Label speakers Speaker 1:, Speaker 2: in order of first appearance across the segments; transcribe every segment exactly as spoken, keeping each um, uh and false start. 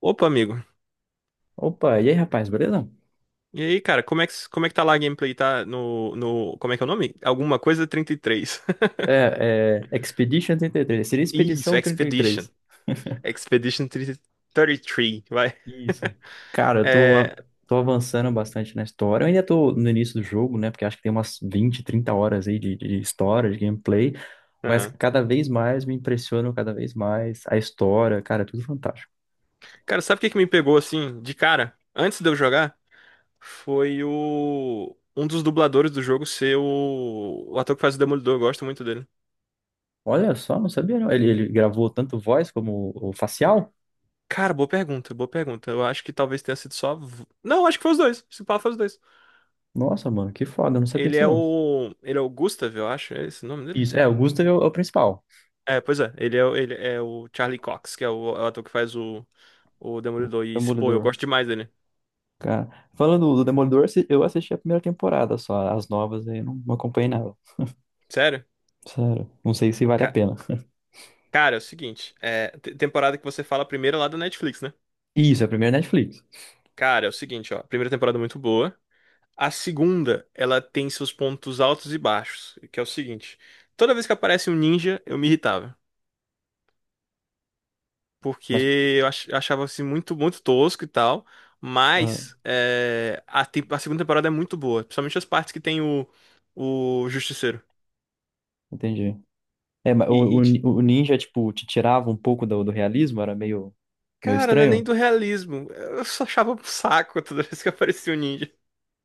Speaker 1: Opa, amigo.
Speaker 2: Opa, e aí, rapaz, beleza?
Speaker 1: E aí, cara, como é que, como é que tá lá a gameplay? Tá no, no. Como é que é o nome? Alguma coisa trinta e três?
Speaker 2: É, é Expedition trinta e três. Seria
Speaker 1: Isso,
Speaker 2: Expedição trinta e
Speaker 1: Expedition.
Speaker 2: três?
Speaker 1: Expedition trinta trinta e três. Vai.
Speaker 2: Isso. Cara, eu tô, a-
Speaker 1: É.
Speaker 2: tô avançando bastante na história. Eu ainda tô no início do jogo, né? Porque acho que tem umas vinte, trinta horas aí de, de história, de gameplay. Mas
Speaker 1: Aham.
Speaker 2: cada vez mais me impressionam cada vez mais a história. Cara, é tudo fantástico.
Speaker 1: Cara, sabe o que que me pegou assim, de cara, antes de eu jogar? Foi o. Um dos dubladores do jogo ser o, o ator que faz o Demolidor, eu gosto muito dele.
Speaker 2: Olha só, não sabia não. Ele, ele gravou tanto voz como o facial?
Speaker 1: Cara, boa pergunta, boa pergunta. Eu acho que talvez tenha sido só. a vo- Não, acho que foi os dois. Se pá, foi os dois.
Speaker 2: Nossa, mano, que foda, eu não sabia
Speaker 1: Ele
Speaker 2: disso
Speaker 1: é
Speaker 2: não.
Speaker 1: o. Ele é o Gustav, eu acho. É esse o nome dele?
Speaker 2: Isso, é, o Gustav é o, é o principal,
Speaker 1: É, pois é. Ele é, o- ele é o Charlie Cox, que é o, é o ator que faz o, o Demolidor. E, pô, eu
Speaker 2: Demolidor.
Speaker 1: gosto demais dele.
Speaker 2: Cara, falando do Demolidor, assi- eu assisti a primeira temporada só, as novas aí eu não não acompanhei nada.
Speaker 1: Sério?
Speaker 2: Sério, não sei se vale a
Speaker 1: Cara,
Speaker 2: pena.
Speaker 1: cara, é o seguinte. É, te- temporada que você fala a primeira lá da Netflix, né?
Speaker 2: Isso, é a primeira Netflix.
Speaker 1: Cara, é o seguinte, ó. A primeira temporada é muito boa. A segunda, ela tem seus pontos altos e baixos, que é o seguinte. Toda vez que aparece um ninja, eu me irritava. Porque
Speaker 2: Mas,
Speaker 1: eu ach- achava assim muito, muito tosco e tal.
Speaker 2: ah,
Speaker 1: Mas é, a, tem- a segunda temporada é muito boa. Principalmente as partes que tem o, o Justiceiro.
Speaker 2: entendi. É, mas o,
Speaker 1: E, e,
Speaker 2: o, ni-
Speaker 1: ti-
Speaker 2: o Ninja, tipo, te tirava um pouco do, do realismo, era meio, meio
Speaker 1: Cara, não é nem
Speaker 2: estranho.
Speaker 1: do realismo. Eu só achava um saco toda vez que aparecia um ninja.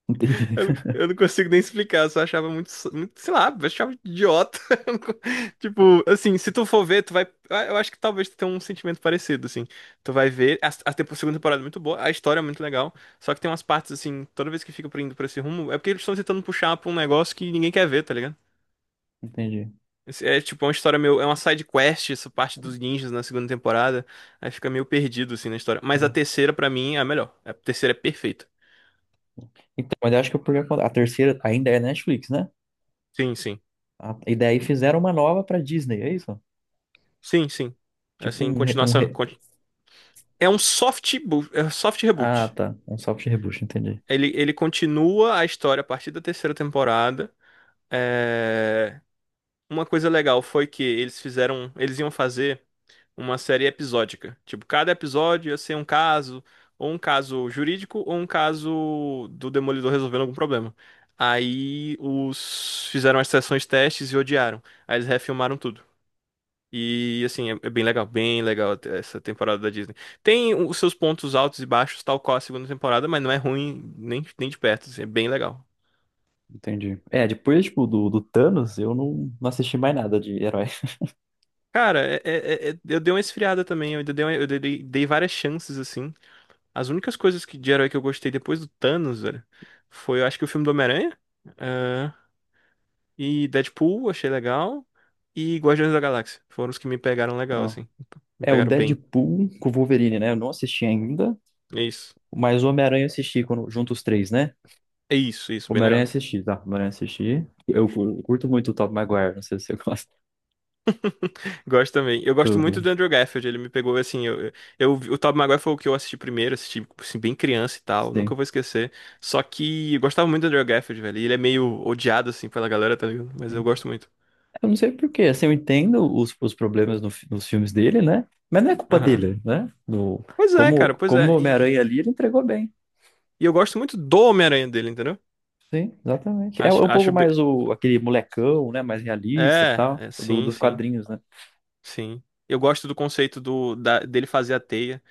Speaker 2: Entendi,
Speaker 1: Eu, não, eu não consigo nem explicar, eu só achava muito, muito, sei lá, eu achava idiota. Eu não co- Tipo assim, se tu for ver, tu vai. Eu acho que talvez tu tenha um sentimento parecido, assim. Tu vai ver. A, a tempo- segunda temporada é muito boa, a história é muito legal. Só que tem umas partes, assim, toda vez que fica indo pra esse rumo, é porque eles estão tentando puxar pra um negócio que ninguém quer ver, tá ligado?
Speaker 2: entendi.
Speaker 1: Esse É tipo é uma história meio. É uma side quest, essa parte dos ninjas na segunda temporada. Aí fica meio perdido, assim, na história. Mas a terceira, pra mim, é a melhor. A terceira é perfeita.
Speaker 2: Então, mas eu acho que o por a terceira ainda é Netflix, né?
Speaker 1: Sim, sim.
Speaker 2: A, e daí fizeram uma nova pra Disney, é isso?
Speaker 1: Sim, sim.
Speaker 2: Tipo
Speaker 1: Assim,
Speaker 2: um, re- um
Speaker 1: continuação.
Speaker 2: re-
Speaker 1: conti- É um soft, bo- é um soft
Speaker 2: Ah,
Speaker 1: reboot.
Speaker 2: tá. Um soft reboot, entendi.
Speaker 1: Ele, ele continua a história a partir da terceira temporada. É, uma coisa legal foi que eles fizeram. Eles iam fazer. Uma série episódica. Tipo, cada episódio ia ser um caso, ou um caso jurídico, ou um caso do Demolidor resolvendo algum problema. Aí os fizeram as sessões testes e odiaram. Aí eles refilmaram tudo. E assim, é é bem legal, bem legal essa temporada da Disney. Tem os seus pontos altos e baixos, tal qual a segunda temporada, mas não é ruim nem, nem de perto, assim, é bem legal.
Speaker 2: Entendi. É, depois, tipo, do, do Thanos, eu não, não assisti mais nada de herói.
Speaker 1: Cara, é- é- é- eu dei uma esfriada também, eu ainda dei, uma- eu dei, dei várias chances, assim. As únicas coisas que, de herói que eu gostei depois do Thanos, velho, foi, eu acho que o filme do Homem-Aranha, ah, e Deadpool, achei legal, e Guardiões da Galáxia. Foram os que me pegaram legal,
Speaker 2: Então,
Speaker 1: assim. Me
Speaker 2: é, o
Speaker 1: pegaram bem.
Speaker 2: Deadpool com o Wolverine, né? Eu não assisti ainda,
Speaker 1: É isso.
Speaker 2: mas o Homem-Aranha eu assisti quando, junto os três, né?
Speaker 1: É isso, isso, bem
Speaker 2: Homem-Aranha eu
Speaker 1: legal.
Speaker 2: assisti, tá? Homem-Aranha eu assisti. Eu cu- curto muito o Tobey Maguire, não sei se você gosta
Speaker 1: Gosto também. Eu gosto
Speaker 2: do...
Speaker 1: muito
Speaker 2: do-
Speaker 1: do Andrew Garfield, ele me pegou assim, eu, eu, o Tobey Maguire foi o que eu assisti primeiro, assisti assim, bem criança e tal, nunca
Speaker 2: Sim,
Speaker 1: vou esquecer. Só que eu gostava muito do Andrew Garfield, velho, e ele é meio odiado assim pela galera, tá ligado? Mas eu
Speaker 2: sim.
Speaker 1: gosto muito.
Speaker 2: Eu não sei por quê, assim, eu entendo os, os problemas no fi- nos filmes dele, né? Mas não é culpa
Speaker 1: Aham.
Speaker 2: dele, né? No,
Speaker 1: Pois é,
Speaker 2: como,
Speaker 1: cara, pois
Speaker 2: como
Speaker 1: é.
Speaker 2: o Homem-Aranha
Speaker 1: E,
Speaker 2: ali, ele entregou bem.
Speaker 1: e eu gosto muito do Homem-Aranha dele, entendeu?
Speaker 2: Sim, exatamente. É
Speaker 1: Acho,
Speaker 2: um pouco
Speaker 1: acho bem...
Speaker 2: mais o, aquele molecão, né? Mais realista e
Speaker 1: É,
Speaker 2: tal,
Speaker 1: é,
Speaker 2: do,
Speaker 1: sim,
Speaker 2: dos
Speaker 1: sim,
Speaker 2: quadrinhos, né?
Speaker 1: sim. Eu gosto do conceito do, da- dele fazer a teia.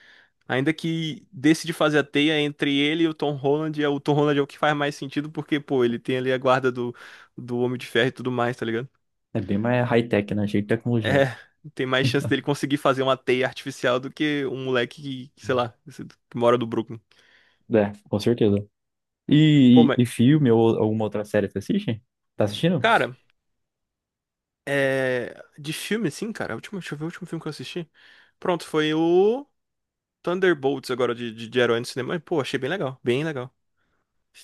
Speaker 1: Ainda que desse de fazer a teia entre ele e o Tom Holland, é o Tom Holland é o que faz mais sentido, porque, pô, ele tem ali a guarda do, do Homem de Ferro e tudo mais, tá ligado?
Speaker 2: É bem mais high-tech, né? Cheio de tecnologia.
Speaker 1: É, tem mais chance dele conseguir fazer uma teia artificial do que um moleque que, sei lá, que mora do Brooklyn.
Speaker 2: É, com certeza.
Speaker 1: Pô,
Speaker 2: E,
Speaker 1: mas,
Speaker 2: e filme ou alguma outra série você assiste? Tá assistindo?
Speaker 1: cara, é... De filme, assim, cara, a última- deixa eu ver o último filme que eu assisti. Pronto, foi o. Thunderbolts agora de, de, de herói no cinema. E, pô, achei bem legal, bem legal.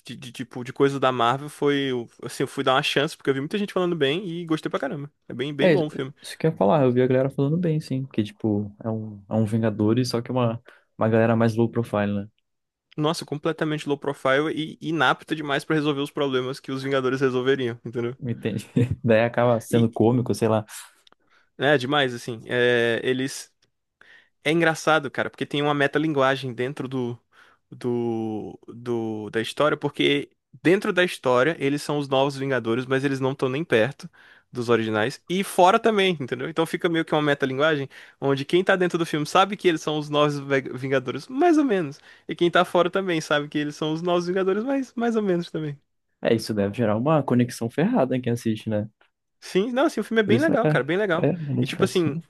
Speaker 1: De, de tipo, de coisa da Marvel foi. o- Assim, eu fui dar uma chance, porque eu vi muita gente falando bem e gostei pra caramba. É bem, bem
Speaker 2: É, isso
Speaker 1: bom o filme.
Speaker 2: isso que eu ia falar. Eu vi a galera falando bem, sim. Que, tipo, é um, é um Vingadores, só que uma, uma galera mais low profile, né?
Speaker 1: Nossa, completamente low profile e inapto demais pra resolver os problemas que os Vingadores resolveriam, entendeu?
Speaker 2: Entende? Daí acaba
Speaker 1: E
Speaker 2: sendo cômico, sei lá.
Speaker 1: é demais, assim. É, eles. É engraçado, cara, porque tem uma metalinguagem dentro do, do, do- da história, porque dentro da história eles são os novos Vingadores, mas eles não estão nem perto dos originais, e fora também, entendeu? Então fica meio que uma metalinguagem onde quem tá dentro do filme sabe que eles são os novos Ve- Vingadores, mais ou menos, e quem tá fora também sabe que eles são os novos Vingadores, mas mais ou menos também.
Speaker 2: É, isso deve gerar uma conexão ferrada em quem assiste, né?
Speaker 1: Sim, não, assim, o filme é
Speaker 2: Por
Speaker 1: bem
Speaker 2: isso
Speaker 1: legal,
Speaker 2: é,
Speaker 1: cara, bem legal.
Speaker 2: é
Speaker 1: E tipo assim,
Speaker 2: identificação.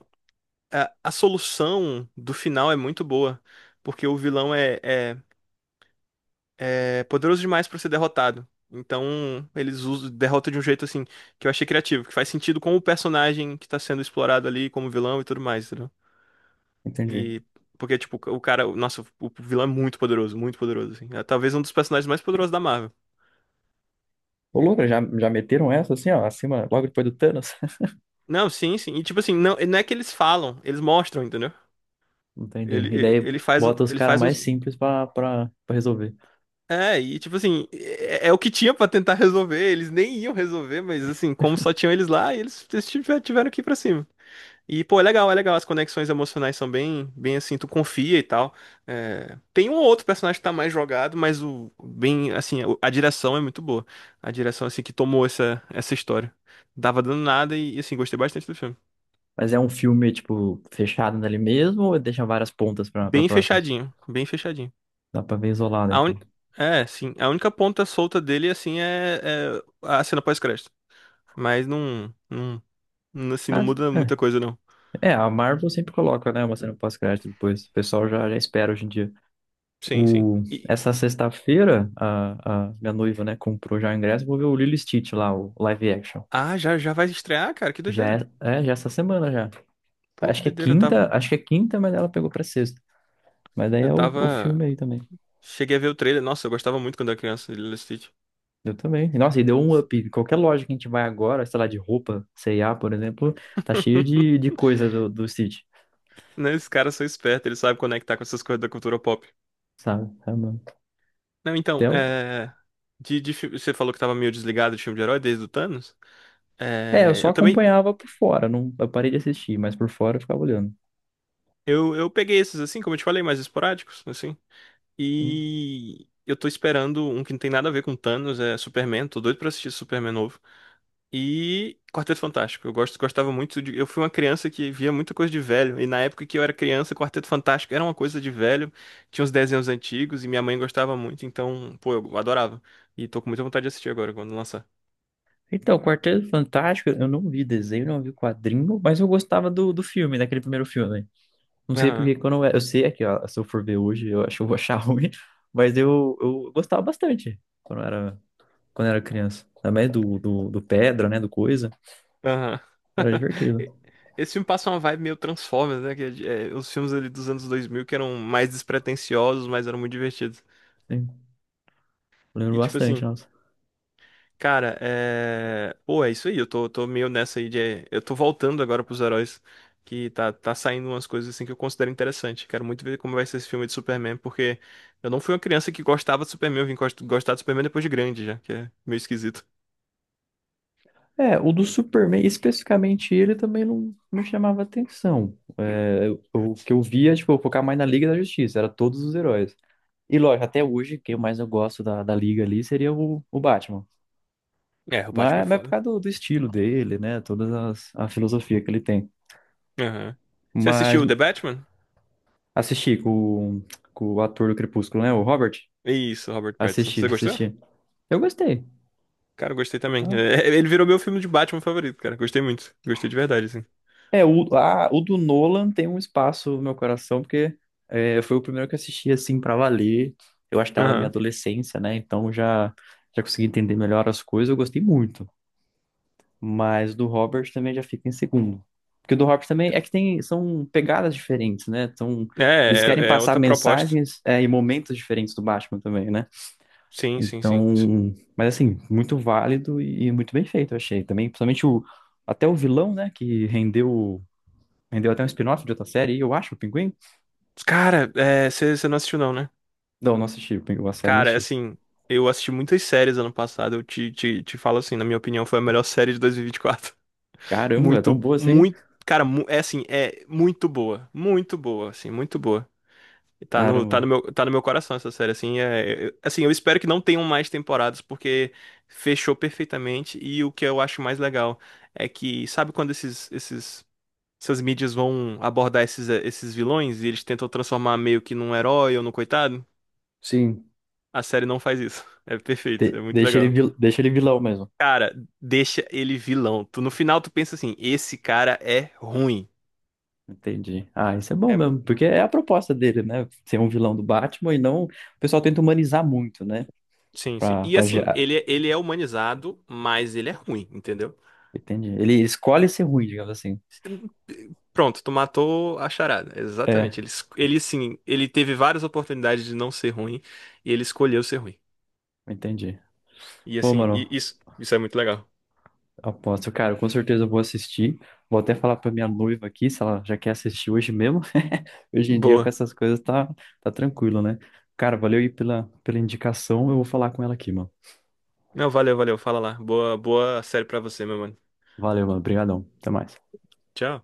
Speaker 1: a, a solução do final é muito boa, porque o vilão é é- é poderoso demais pra ser derrotado. Então, eles usam derrota de um jeito assim que eu achei criativo, que faz sentido com o personagem que tá sendo explorado ali como vilão e tudo mais, entendeu?
Speaker 2: Entendi.
Speaker 1: E porque tipo, o cara, nossa, o vilão é muito poderoso, muito poderoso assim. É talvez um dos personagens mais poderosos da Marvel.
Speaker 2: Ô, louco, já, já meteram essa assim, ó, acima, logo depois do Thanos?
Speaker 1: Não, sim, sim. E tipo assim, não, não é que eles falam, eles mostram, entendeu?
Speaker 2: Entendi. E
Speaker 1: Ele,
Speaker 2: daí
Speaker 1: ele faz, um-
Speaker 2: bota os
Speaker 1: ele
Speaker 2: caras
Speaker 1: faz
Speaker 2: mais
Speaker 1: uns.
Speaker 2: simples pra, pra, pra resolver.
Speaker 1: É, e tipo assim, é, é o que tinha pra tentar resolver. Eles nem iam resolver, mas assim, como só tinham eles lá, eles, eles tiver- tiveram que ir pra cima. E, pô, é legal, é legal. As conexões emocionais são bem, bem assim, tu confia e tal. É, tem um ou outro personagem que tá mais jogado, mas o bem, assim, o- a direção é muito boa. A direção, assim, que tomou essa, essa história. Dava dando nada e, assim, gostei bastante do filme.
Speaker 2: Mas é um filme, tipo, fechado nele mesmo ou deixa várias pontas pra, pra
Speaker 1: Bem
Speaker 2: próximas?
Speaker 1: fechadinho, bem fechadinho.
Speaker 2: Dá pra ver isolado,
Speaker 1: A
Speaker 2: então.
Speaker 1: un... É, sim, a única ponta solta dele, assim, é, é a cena pós-crédito. Mas não, não, não, assim, não
Speaker 2: Ah,
Speaker 1: muda
Speaker 2: é.
Speaker 1: muita coisa, não.
Speaker 2: É, a Marvel sempre coloca, né, uma cena pós-crédito depois. O pessoal já, já espera hoje em dia.
Speaker 1: Sim, sim.
Speaker 2: O...
Speaker 1: E...
Speaker 2: Essa sexta-feira, a, a minha noiva, né, comprou já o ingresso. Vou ver o Lilo e Stitch lá, o live action.
Speaker 1: Ah, já, já vai estrear, cara? Que
Speaker 2: Já é,
Speaker 1: doideira.
Speaker 2: é, já é essa semana já.
Speaker 1: Pô, que
Speaker 2: Acho que é
Speaker 1: doideira, eu tava...
Speaker 2: quinta, acho que é quinta, mas ela pegou pra sexta. Mas daí
Speaker 1: Eu
Speaker 2: é o, o
Speaker 1: tava.
Speaker 2: filme aí também.
Speaker 1: Cheguei a ver o trailer. Nossa, eu gostava muito quando era criança de Lilo e Stitch.
Speaker 2: Eu também. Nossa, e deu um up. Qualquer loja que a gente vai agora, sei lá, de roupa, C e A, por exemplo, tá cheio de, de coisa do, do Stitch,
Speaker 1: Né, esses caras são espertos, eles sabem conectar com essas coisas da cultura pop.
Speaker 2: sabe? É, mano.
Speaker 1: Não, então,
Speaker 2: Até o-
Speaker 1: é... De, de fi- você falou que tava meio desligado de filme de herói desde o Thanos.
Speaker 2: é, eu
Speaker 1: É,
Speaker 2: só
Speaker 1: eu também...
Speaker 2: acompanhava por fora, não, eu parei de assistir, mas por fora eu ficava olhando.
Speaker 1: Eu, eu peguei esses, assim, como eu te falei, mais esporádicos, assim.
Speaker 2: Sim.
Speaker 1: E eu tô esperando um que não tem nada a ver com Thanos, é Superman. Tô doido pra assistir Superman novo. E Quarteto Fantástico. Eu gosto, gostava muito de. Eu fui uma criança que via muita coisa de velho. E na época que eu era criança, Quarteto Fantástico era uma coisa de velho. Tinha uns desenhos antigos e minha mãe gostava muito. Então, pô, eu adorava. E tô com muita vontade de assistir agora, quando lançar.
Speaker 2: Então, Quarteto Fantástico, eu não vi desenho, não vi quadrinho, mas eu gostava do, do filme, daquele primeiro filme. Não sei
Speaker 1: Aham,
Speaker 2: porque quando eu, eu sei aqui, ó, se eu for ver hoje, eu acho que eu vou achar ruim, mas eu, eu gostava bastante quando eu era quando era criança. Também do, do, do Pedra, né? Do Coisa.
Speaker 1: aham.
Speaker 2: Era divertido.
Speaker 1: Esse filme passa uma vibe meio Transformers, né? Que é, os filmes ali dos anos dois mil que eram mais despretensiosos, mas eram muito divertidos.
Speaker 2: Sim.
Speaker 1: E
Speaker 2: Lembro
Speaker 1: tipo
Speaker 2: bastante,
Speaker 1: assim.
Speaker 2: nossa.
Speaker 1: Cara, é. Pô, é isso aí. Eu tô, tô meio nessa aí de. Eu tô voltando agora pros heróis. Que tá, tá saindo umas coisas assim que eu considero interessante. Quero muito ver como vai ser esse filme de Superman, porque eu não fui uma criança que gostava de Superman, eu vim gost- gostar de Superman depois de grande já, que é meio esquisito.
Speaker 2: É, o do Superman, especificamente ele, também não me chamava atenção. É, eu- o que eu via, tipo, eu focava mais na Liga da Justiça, era todos os heróis. E lógico, até hoje, quem mais eu gosto da, da Liga ali seria o, o Batman.
Speaker 1: É, o Batman é
Speaker 2: Mas, mas é por
Speaker 1: foda.
Speaker 2: causa do, do estilo dele, né? Toda as- a filosofia que ele tem.
Speaker 1: Aham. Você
Speaker 2: Mas
Speaker 1: assistiu The Batman?
Speaker 2: assisti com, o- com o ator do Crepúsculo, né? O Robert.
Speaker 1: Isso, Robert Pattinson.
Speaker 2: Assisti,
Speaker 1: Você gostou?
Speaker 2: assisti. Eu gostei.
Speaker 1: Cara, eu gostei também.
Speaker 2: Ah,
Speaker 1: É, é, ele virou meu filme de Batman favorito, cara. Gostei muito. Gostei de verdade, assim.
Speaker 2: é, o, ah, o do Nolan tem um espaço no meu coração, porque é, foi o primeiro que eu assisti, assim, pra valer. Eu acho que tava na minha
Speaker 1: Aham.
Speaker 2: adolescência, né? Então já, já consegui entender melhor as coisas, eu gostei muito. Mas do Robert também já fica em segundo. Porque o do Robert também é que tem, são pegadas diferentes, né? Então,
Speaker 1: É,
Speaker 2: eles querem
Speaker 1: é, é
Speaker 2: passar
Speaker 1: outra proposta.
Speaker 2: mensagens, é, e momentos diferentes do Batman também, né?
Speaker 1: Sim, sim, sim.
Speaker 2: Então, mas assim, muito válido e muito bem feito, eu achei. Também, principalmente o, até o vilão, né? Que rendeu Rendeu até um spin-off de outra série, eu acho, o Pinguim?
Speaker 1: Cara, você não assistiu não, né?
Speaker 2: Não, não assisti, o Pinguim, a série não
Speaker 1: Cara, é
Speaker 2: assisti.
Speaker 1: assim, eu assisti muitas séries ano passado. Eu te, te, te falo assim, na minha opinião, foi a melhor série de dois mil e vinte e quatro.
Speaker 2: Caramba, é tão
Speaker 1: Muito,
Speaker 2: boa assim?
Speaker 1: muito, cara, mu- é assim, é muito boa, muito boa, assim, muito boa. E Tá no, tá
Speaker 2: Caramba.
Speaker 1: no meu, tá no meu coração essa série, assim, é, eu- assim, eu espero que não tenham mais temporadas, porque fechou perfeitamente. E o que eu acho mais legal é que, sabe quando esses, esses essas mídias vão abordar esses, eh, esses vilões e eles tentam transformar meio que num herói ou num coitado?
Speaker 2: Sim,
Speaker 1: A série não faz isso. É perfeito, é
Speaker 2: de-
Speaker 1: muito
Speaker 2: deixa ele,
Speaker 1: legal.
Speaker 2: vil- deixa ele vilão mesmo.
Speaker 1: Cara, deixa ele vilão. Tu, no final tu pensa assim, esse cara é ruim.
Speaker 2: Entendi. Ah, isso é bom
Speaker 1: É,
Speaker 2: mesmo, porque é a proposta dele, né? Ser um vilão do Batman e não. O pessoal tenta humanizar muito, né?
Speaker 1: sim, sim.
Speaker 2: Pra,
Speaker 1: E
Speaker 2: pra
Speaker 1: assim,
Speaker 2: gerar.
Speaker 1: ele, é, ele é humanizado, mas ele é ruim, entendeu?
Speaker 2: Entendi. Ele escolhe ser ruim, digamos assim.
Speaker 1: Pronto, tu matou a charada.
Speaker 2: É,
Speaker 1: Exatamente. Ele, es- ele assim, ele teve várias oportunidades de não ser ruim e ele escolheu ser ruim.
Speaker 2: entendi.
Speaker 1: E
Speaker 2: Bom,
Speaker 1: assim,
Speaker 2: mano,
Speaker 1: e- isso, isso é muito legal.
Speaker 2: aposto, cara, com certeza eu vou assistir. Vou até falar pra minha noiva aqui, se ela já quer assistir hoje mesmo. Hoje em dia, com
Speaker 1: Boa.
Speaker 2: essas coisas, tá, tá tranquilo, né? Cara, valeu aí pela, pela indicação. Eu vou falar com ela aqui, mano.
Speaker 1: Não, valeu, valeu. Fala lá. Boa, boa série pra você, meu mano.
Speaker 2: Valeu, mano. Obrigadão. Até mais.
Speaker 1: Tchau.